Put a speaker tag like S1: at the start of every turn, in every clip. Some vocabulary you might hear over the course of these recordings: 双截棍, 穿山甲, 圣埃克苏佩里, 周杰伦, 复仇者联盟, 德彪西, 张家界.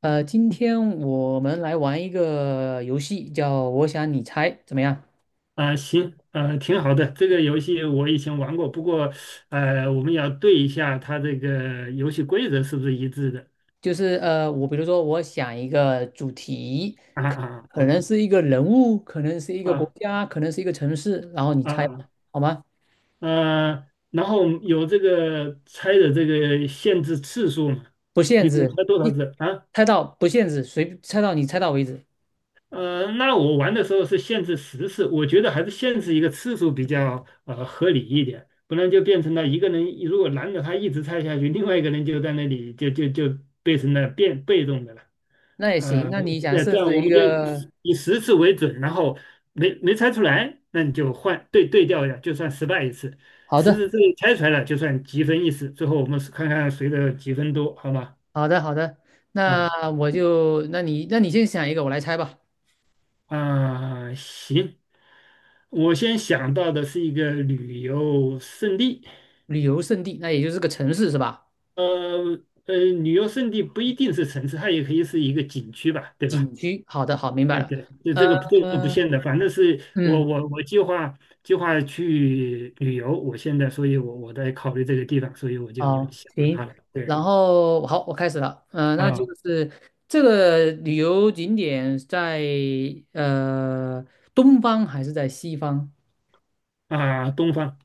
S1: 今天我们来玩一个游戏，叫"我想你猜"，怎么样？
S2: 啊，行，挺好的。这个游戏我以前玩过，不过，我们要对一下它这个游戏规则是不是一致的。
S1: 就是我比如说，我想一个主题，
S2: 啊啊
S1: 可
S2: 啊
S1: 能是一个人物，可能是一个国
S2: 啊
S1: 家，可能是一个城市，然后你猜吧，
S2: 啊，
S1: 好吗？
S2: 啊。然后有这个猜的这个限制次数嘛，
S1: 不限
S2: 比如
S1: 制，
S2: 猜多少
S1: 你
S2: 次啊？
S1: 猜到不限制，随猜到你猜到为止，
S2: 那我玩的时候是限制十次，我觉得还是限制一个次数比较合理一点，不然就变成了一个人如果拦着他一直猜下去，另外一个人就在那里就变成了被动的了。
S1: 那也行。
S2: 呃，
S1: 那你想
S2: 那
S1: 设
S2: 这样
S1: 置
S2: 我
S1: 一
S2: 们就
S1: 个？
S2: 以十次为准，然后没猜出来，那你就换对调一下，就算失败一次。
S1: 好
S2: 十
S1: 的，
S2: 次之内猜出来了，就算积分一次。最后我们是看看谁的积分多，好吗？
S1: 好的，好的。那
S2: 嗯
S1: 我就，那你先想一个，我来猜吧。
S2: 啊，行，我先想到的是一个旅游胜地，
S1: 旅游胜地，那也就是个城市是吧？
S2: 呃旅游胜地不一定是城市，它也可以是一个景区吧，对吧？
S1: 景区，好的，好，明白
S2: 对
S1: 了。
S2: 对，这个不
S1: 呃，
S2: 限的，反正是我
S1: 嗯，
S2: 我我计划计划去旅游，我现在，所以我在考虑这个地方，所以我就
S1: 好，
S2: 选到
S1: 行。
S2: 它了。对
S1: 然后好，我开始了。嗯，那就
S2: 啊
S1: 是这个旅游景点在呃东方还是在西方？
S2: 啊，东方，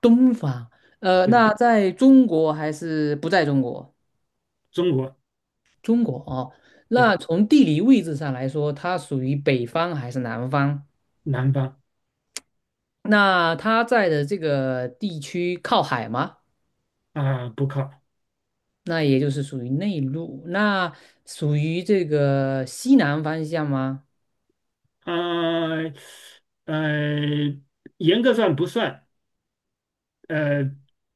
S1: 东方。
S2: 对
S1: 那在中国还是不在中国？
S2: 中国，
S1: 中国哦。
S2: 对
S1: 那从地理位置上来说，它属于北方还是南方？
S2: 南方
S1: 那它在的这个地区靠海吗？
S2: 啊，不靠
S1: 那也就是属于内陆，那属于这个西南方向吗？
S2: 啊呃，严格上不算，呃，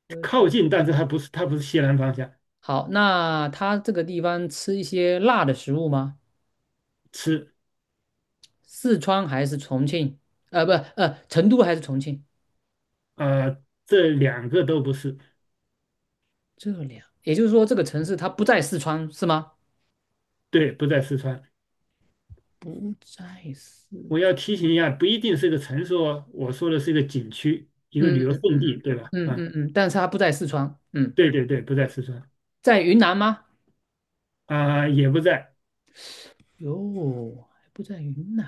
S1: 对，
S2: 靠近，但是它不是西南方向，
S1: 好，那它这个地方吃一些辣的食物吗？
S2: 吃
S1: 四川还是重庆？不，成都还是重庆？
S2: 啊、这两个都不是，
S1: 也就是说这个城市它不在四川是吗？
S2: 对，不在四川。
S1: 不在四，
S2: 我要提醒一下，不一定是个城市哦，我说的是一个景区，一个旅
S1: 嗯
S2: 游
S1: 嗯
S2: 胜地，
S1: 嗯
S2: 对
S1: 嗯
S2: 吧？
S1: 嗯
S2: 啊，
S1: 嗯嗯。但是它不在四川，嗯，
S2: 对对对，不在四川
S1: 在云南吗？
S2: 啊，也不在
S1: 哟，还不在云南，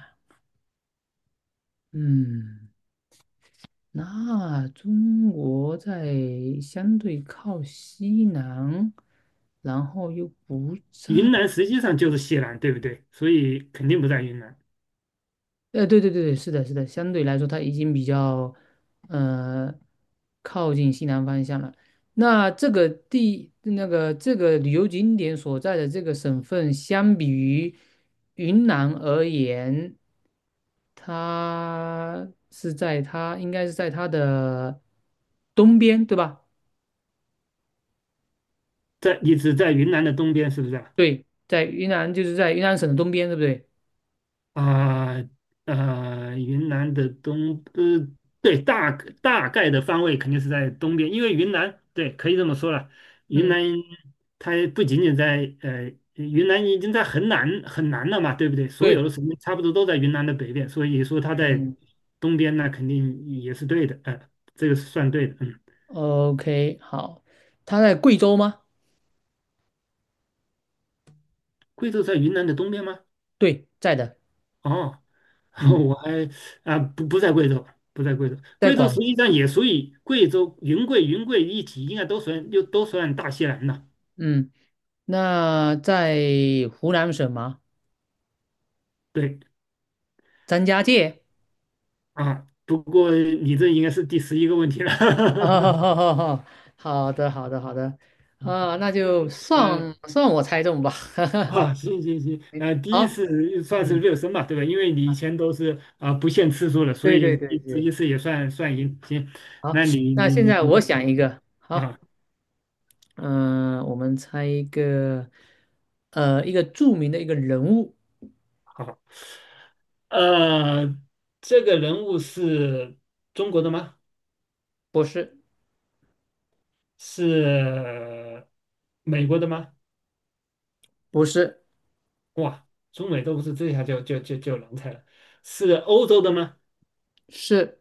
S1: 嗯。那中国在相对靠西南，然后又不在，
S2: 云南，实际上就是西南，对不对？所以肯定不在云南，
S1: 对对对对，是的，是的，相对来说它已经比较，呃，靠近西南方向了。那个这个旅游景点所在的这个省份，相比于云南而言，它应该是在它的东边，对吧？
S2: 在你只在云南的东边，是不是啊
S1: 对，在云南就是在云南省的东边，对不对？
S2: 啊云南的东对，大概的方位肯定是在东边，因为云南对，可以这么说了，云
S1: 嗯，
S2: 南它不仅仅在云南已经在很南很南了嘛，对不对？所有
S1: 对，
S2: 的省份差不多都在云南的北边，所以说它在
S1: 嗯
S2: 东边那肯定也是对的，这个是算对的。嗯，
S1: ，OK，好，他在贵州吗？
S2: 贵州在云南的东边吗？
S1: 对，在的，
S2: 哦，
S1: 嗯，
S2: 我还啊，不，不在贵州，不在贵州，
S1: 在
S2: 贵州实
S1: 广，
S2: 际上也属于贵州、云贵、云贵一体，应该都算又都算大西南了。
S1: 嗯，那在湖南省吗？
S2: 对
S1: 张家界，
S2: 啊，不过你这应该是第11个问题了。
S1: 哈 哈哦，好好好，好的，好的，好的，啊，那
S2: 嗯
S1: 就算
S2: 嗯
S1: 算我猜中吧，
S2: 啊，行行行，第一
S1: 好，
S2: 次算是
S1: 嗯，
S2: 热身吧，对吧？因为你以
S1: 啊，
S2: 前都是啊、不限次数的，所
S1: 对对
S2: 以
S1: 对
S2: 第十一
S1: 对，
S2: 次也算赢。行，
S1: 好，
S2: 那你
S1: 那
S2: 你
S1: 现
S2: 你
S1: 在
S2: 你
S1: 我想一个，好，
S2: 啊，
S1: 嗯、我们猜一个，一个著名的一个人物，
S2: 好。呃，这个人物是中国的吗？
S1: 不是，
S2: 是美国的吗？
S1: 不是，
S2: 哇，中美都不是，这下就难猜了。是欧洲的吗？
S1: 是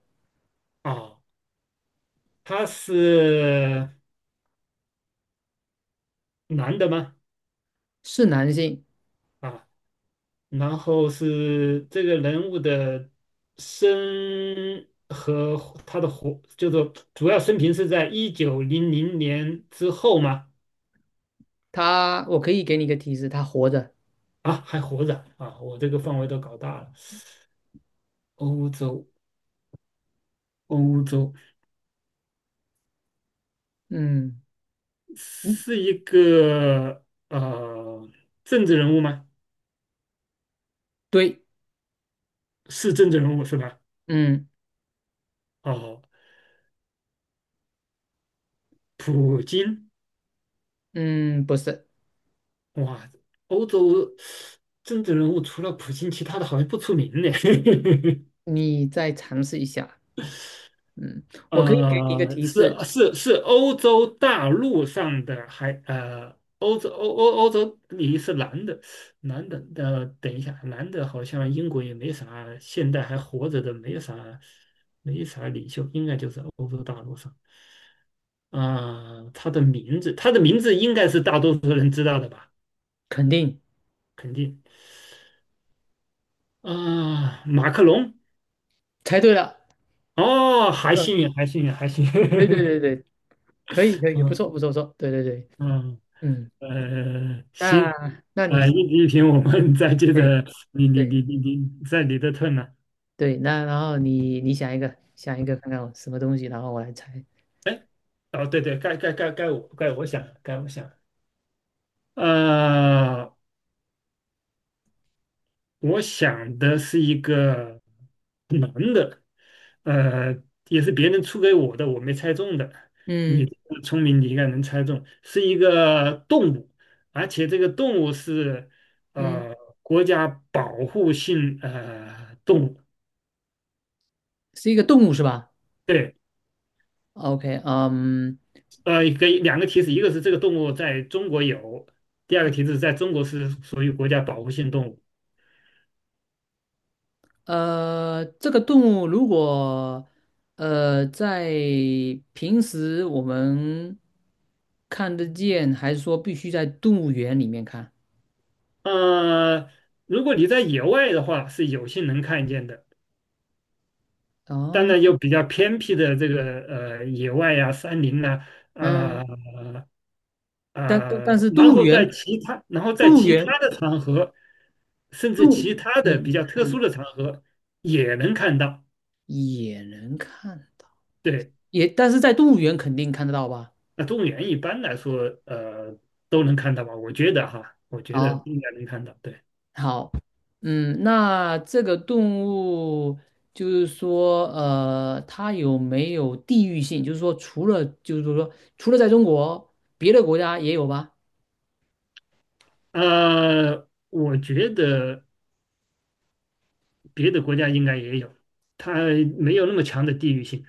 S2: 哦，他是男的吗？
S1: 是男性，
S2: 啊，然后是这个人物的生和他的活，就是主要生平是在1900年之后吗？
S1: 他，我可以给你一个提示，他活着，
S2: 啊，还活着啊！我这个范围都搞大了。欧洲。欧洲
S1: 嗯，
S2: 是
S1: 嗯，
S2: 一个政治人物吗？
S1: 对，
S2: 是政治人物是吧？
S1: 嗯
S2: 哦，普京，
S1: 嗯，不是，
S2: 哇，欧洲政治人物除了普京，其他的好像不出名呢。
S1: 你再尝试一下，嗯，我可以给你一个提
S2: 是
S1: 示，
S2: 是是欧洲大陆上的还欧洲你是男的，男的，等一下，男的好像英国也没啥，现在还活着的没啥，没啥领袖，应该就是欧洲大陆上。啊、他的名字，他的名字应该是大多数人知道的吧？
S1: 肯定
S2: 肯定啊、马克龙，
S1: 猜对了，
S2: 哦，还
S1: 嗯，
S2: 幸运，还幸运，还幸
S1: 对对
S2: 运，
S1: 对对，可以可 以，不
S2: 嗯
S1: 错不错不错，对对对，
S2: 嗯
S1: 嗯，那
S2: 行，
S1: 那你
S2: 一题一题，我们再接
S1: 对
S2: 着，你你
S1: 对。
S2: 你你你在你的 turn 呢、
S1: 对，那然后你想一个，看看我什么东西，然后我来猜，
S2: 哎，哦，对对，该我想，该我想，呃，我想的是一个男的，呃，也是别人出给我的，我没猜中的。你
S1: 嗯
S2: 这个聪明，你应该能猜中，是一个动物，而且这个动物是
S1: 嗯，
S2: 呃国家保护性动物。
S1: 是一个动物是吧
S2: 对，
S1: ？OK，嗯，
S2: 给两个提示，一个是这个动物在中国有，第二个提示在中国是属于国家保护性动物。
S1: 这个动物如果在平时我们看得见，还是说必须在动物园里面看？
S2: 呃，如果你在野外的话，是有幸能看见的，当
S1: 哦，
S2: 然有比较偏僻的这个野外呀、山林呐、
S1: 嗯，
S2: 呃
S1: 但但但是
S2: 然
S1: 动物
S2: 后
S1: 园，
S2: 在其他，然后在
S1: 动物
S2: 其他
S1: 园，
S2: 的场合，甚至
S1: 动
S2: 其
S1: 物
S2: 他的比
S1: 嗯
S2: 较特
S1: 嗯，
S2: 殊的场合也能看到。
S1: 也能看到，
S2: 对，
S1: 也但是在动物园肯定看得到吧？
S2: 那动物园一般来说，都能看到吧？我觉得哈，我觉得
S1: 啊、
S2: 应该能看到。对。
S1: 好，嗯，那这个动物就是说，它有没有地域性？就是说，除了在中国，别的国家也有吧？
S2: 我觉得别的国家应该也有，它没有那么强的地域性。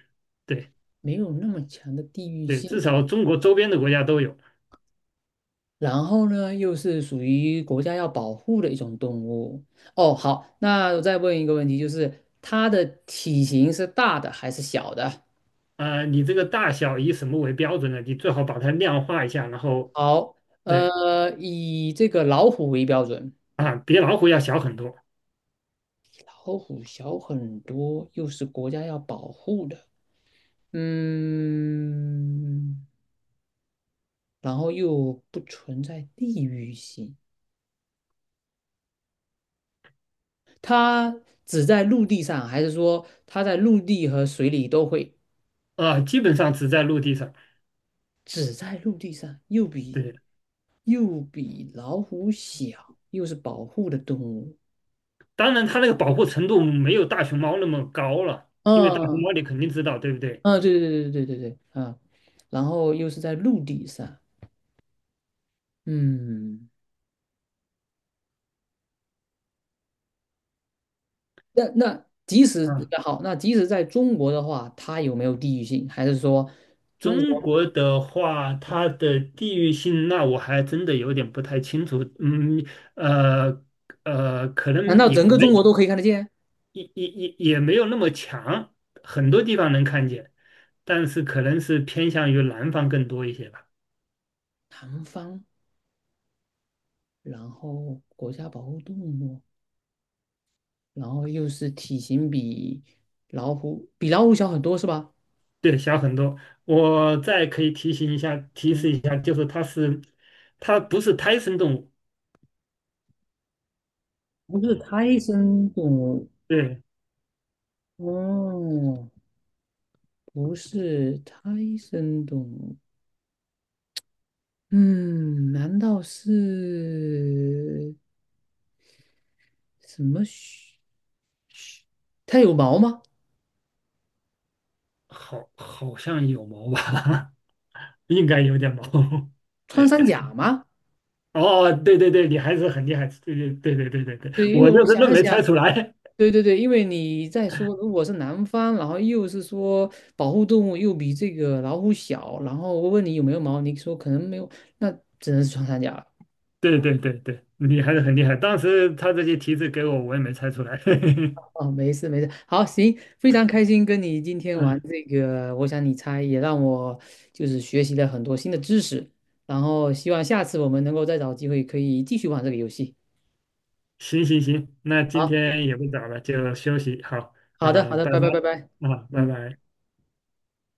S2: 对
S1: 没有那么强的地域
S2: 对，
S1: 性。
S2: 至少中国周边的国家都有。
S1: 然后呢，又是属于国家要保护的一种动物。哦，好，那我再问一个问题，就是它的体型是大的还是小的？
S2: 啊、你这个大小以什么为标准呢？你最好把它量化一下，然后
S1: 好，
S2: 对
S1: 以这个老虎为标准。
S2: 啊，比老虎要小很多
S1: 老虎小很多，又是国家要保护的，嗯，然后又不存在地域性，它只在陆地上，还是说它在陆地和水里都会？
S2: 啊、基本上只在陆地上。
S1: 只在陆地上，
S2: 对，
S1: 又比老虎小，又是保护的动物，
S2: 当然它那个保护程度没有大熊猫那么高了，因为大熊
S1: 嗯
S2: 猫你肯定知道，对不对？
S1: 嗯，对对对对对对对，啊，然后又是在陆地上，嗯。那那即使
S2: 啊。
S1: 好，那即使在中国的话，它有没有地域性？还是说，
S2: 中国的话，它的地域性，那我还真的有点不太清楚。嗯，呃可
S1: 难
S2: 能
S1: 道
S2: 也
S1: 整个中国都
S2: 没
S1: 可以看得见？
S2: 也也也也没有那么强，很多地方能看见，但是可能是偏向于南方更多一些吧。
S1: 南方，然后国家保护动物，然后又是体型比老虎小很多是吧？
S2: 对，小很多。我再可以提醒一下，提
S1: 嗯，
S2: 示一下，就是它不是胎生动物，
S1: 不是胎生动物
S2: 对，
S1: 哦，不是胎生动物。嗯，难道是什么？它有毛吗？
S2: 好，好像有毛吧，应该有点毛。
S1: 穿山甲吗？
S2: 哦，哦对对对，你还是很厉害，对对对对对对对，
S1: 对，因为
S2: 我就
S1: 我
S2: 是
S1: 想
S2: 愣
S1: 了
S2: 没猜
S1: 想，
S2: 出来，
S1: 对对对，因为你在说，如果是南方，然后又是说保护动物又比这个老虎小，然后我问你有没有毛，你说可能没有，那只能是穿山甲了。
S2: 对对对对，你还是很厉害。当时他这些提示给我，我也没猜出来。
S1: 哦，没事没事，好，行，非常开心跟你今 天玩
S2: 嗯，
S1: 这个，我想你猜也让我就是学习了很多新的知识，然后希望下次我们能够再找机会可以继续玩这个游戏。
S2: 行行行，那今
S1: 好，
S2: 天也不早了，就休息好
S1: 好的
S2: 啊，
S1: 好的，
S2: 拜
S1: 拜拜拜拜，
S2: 拜啊，拜
S1: 嗯。
S2: 拜。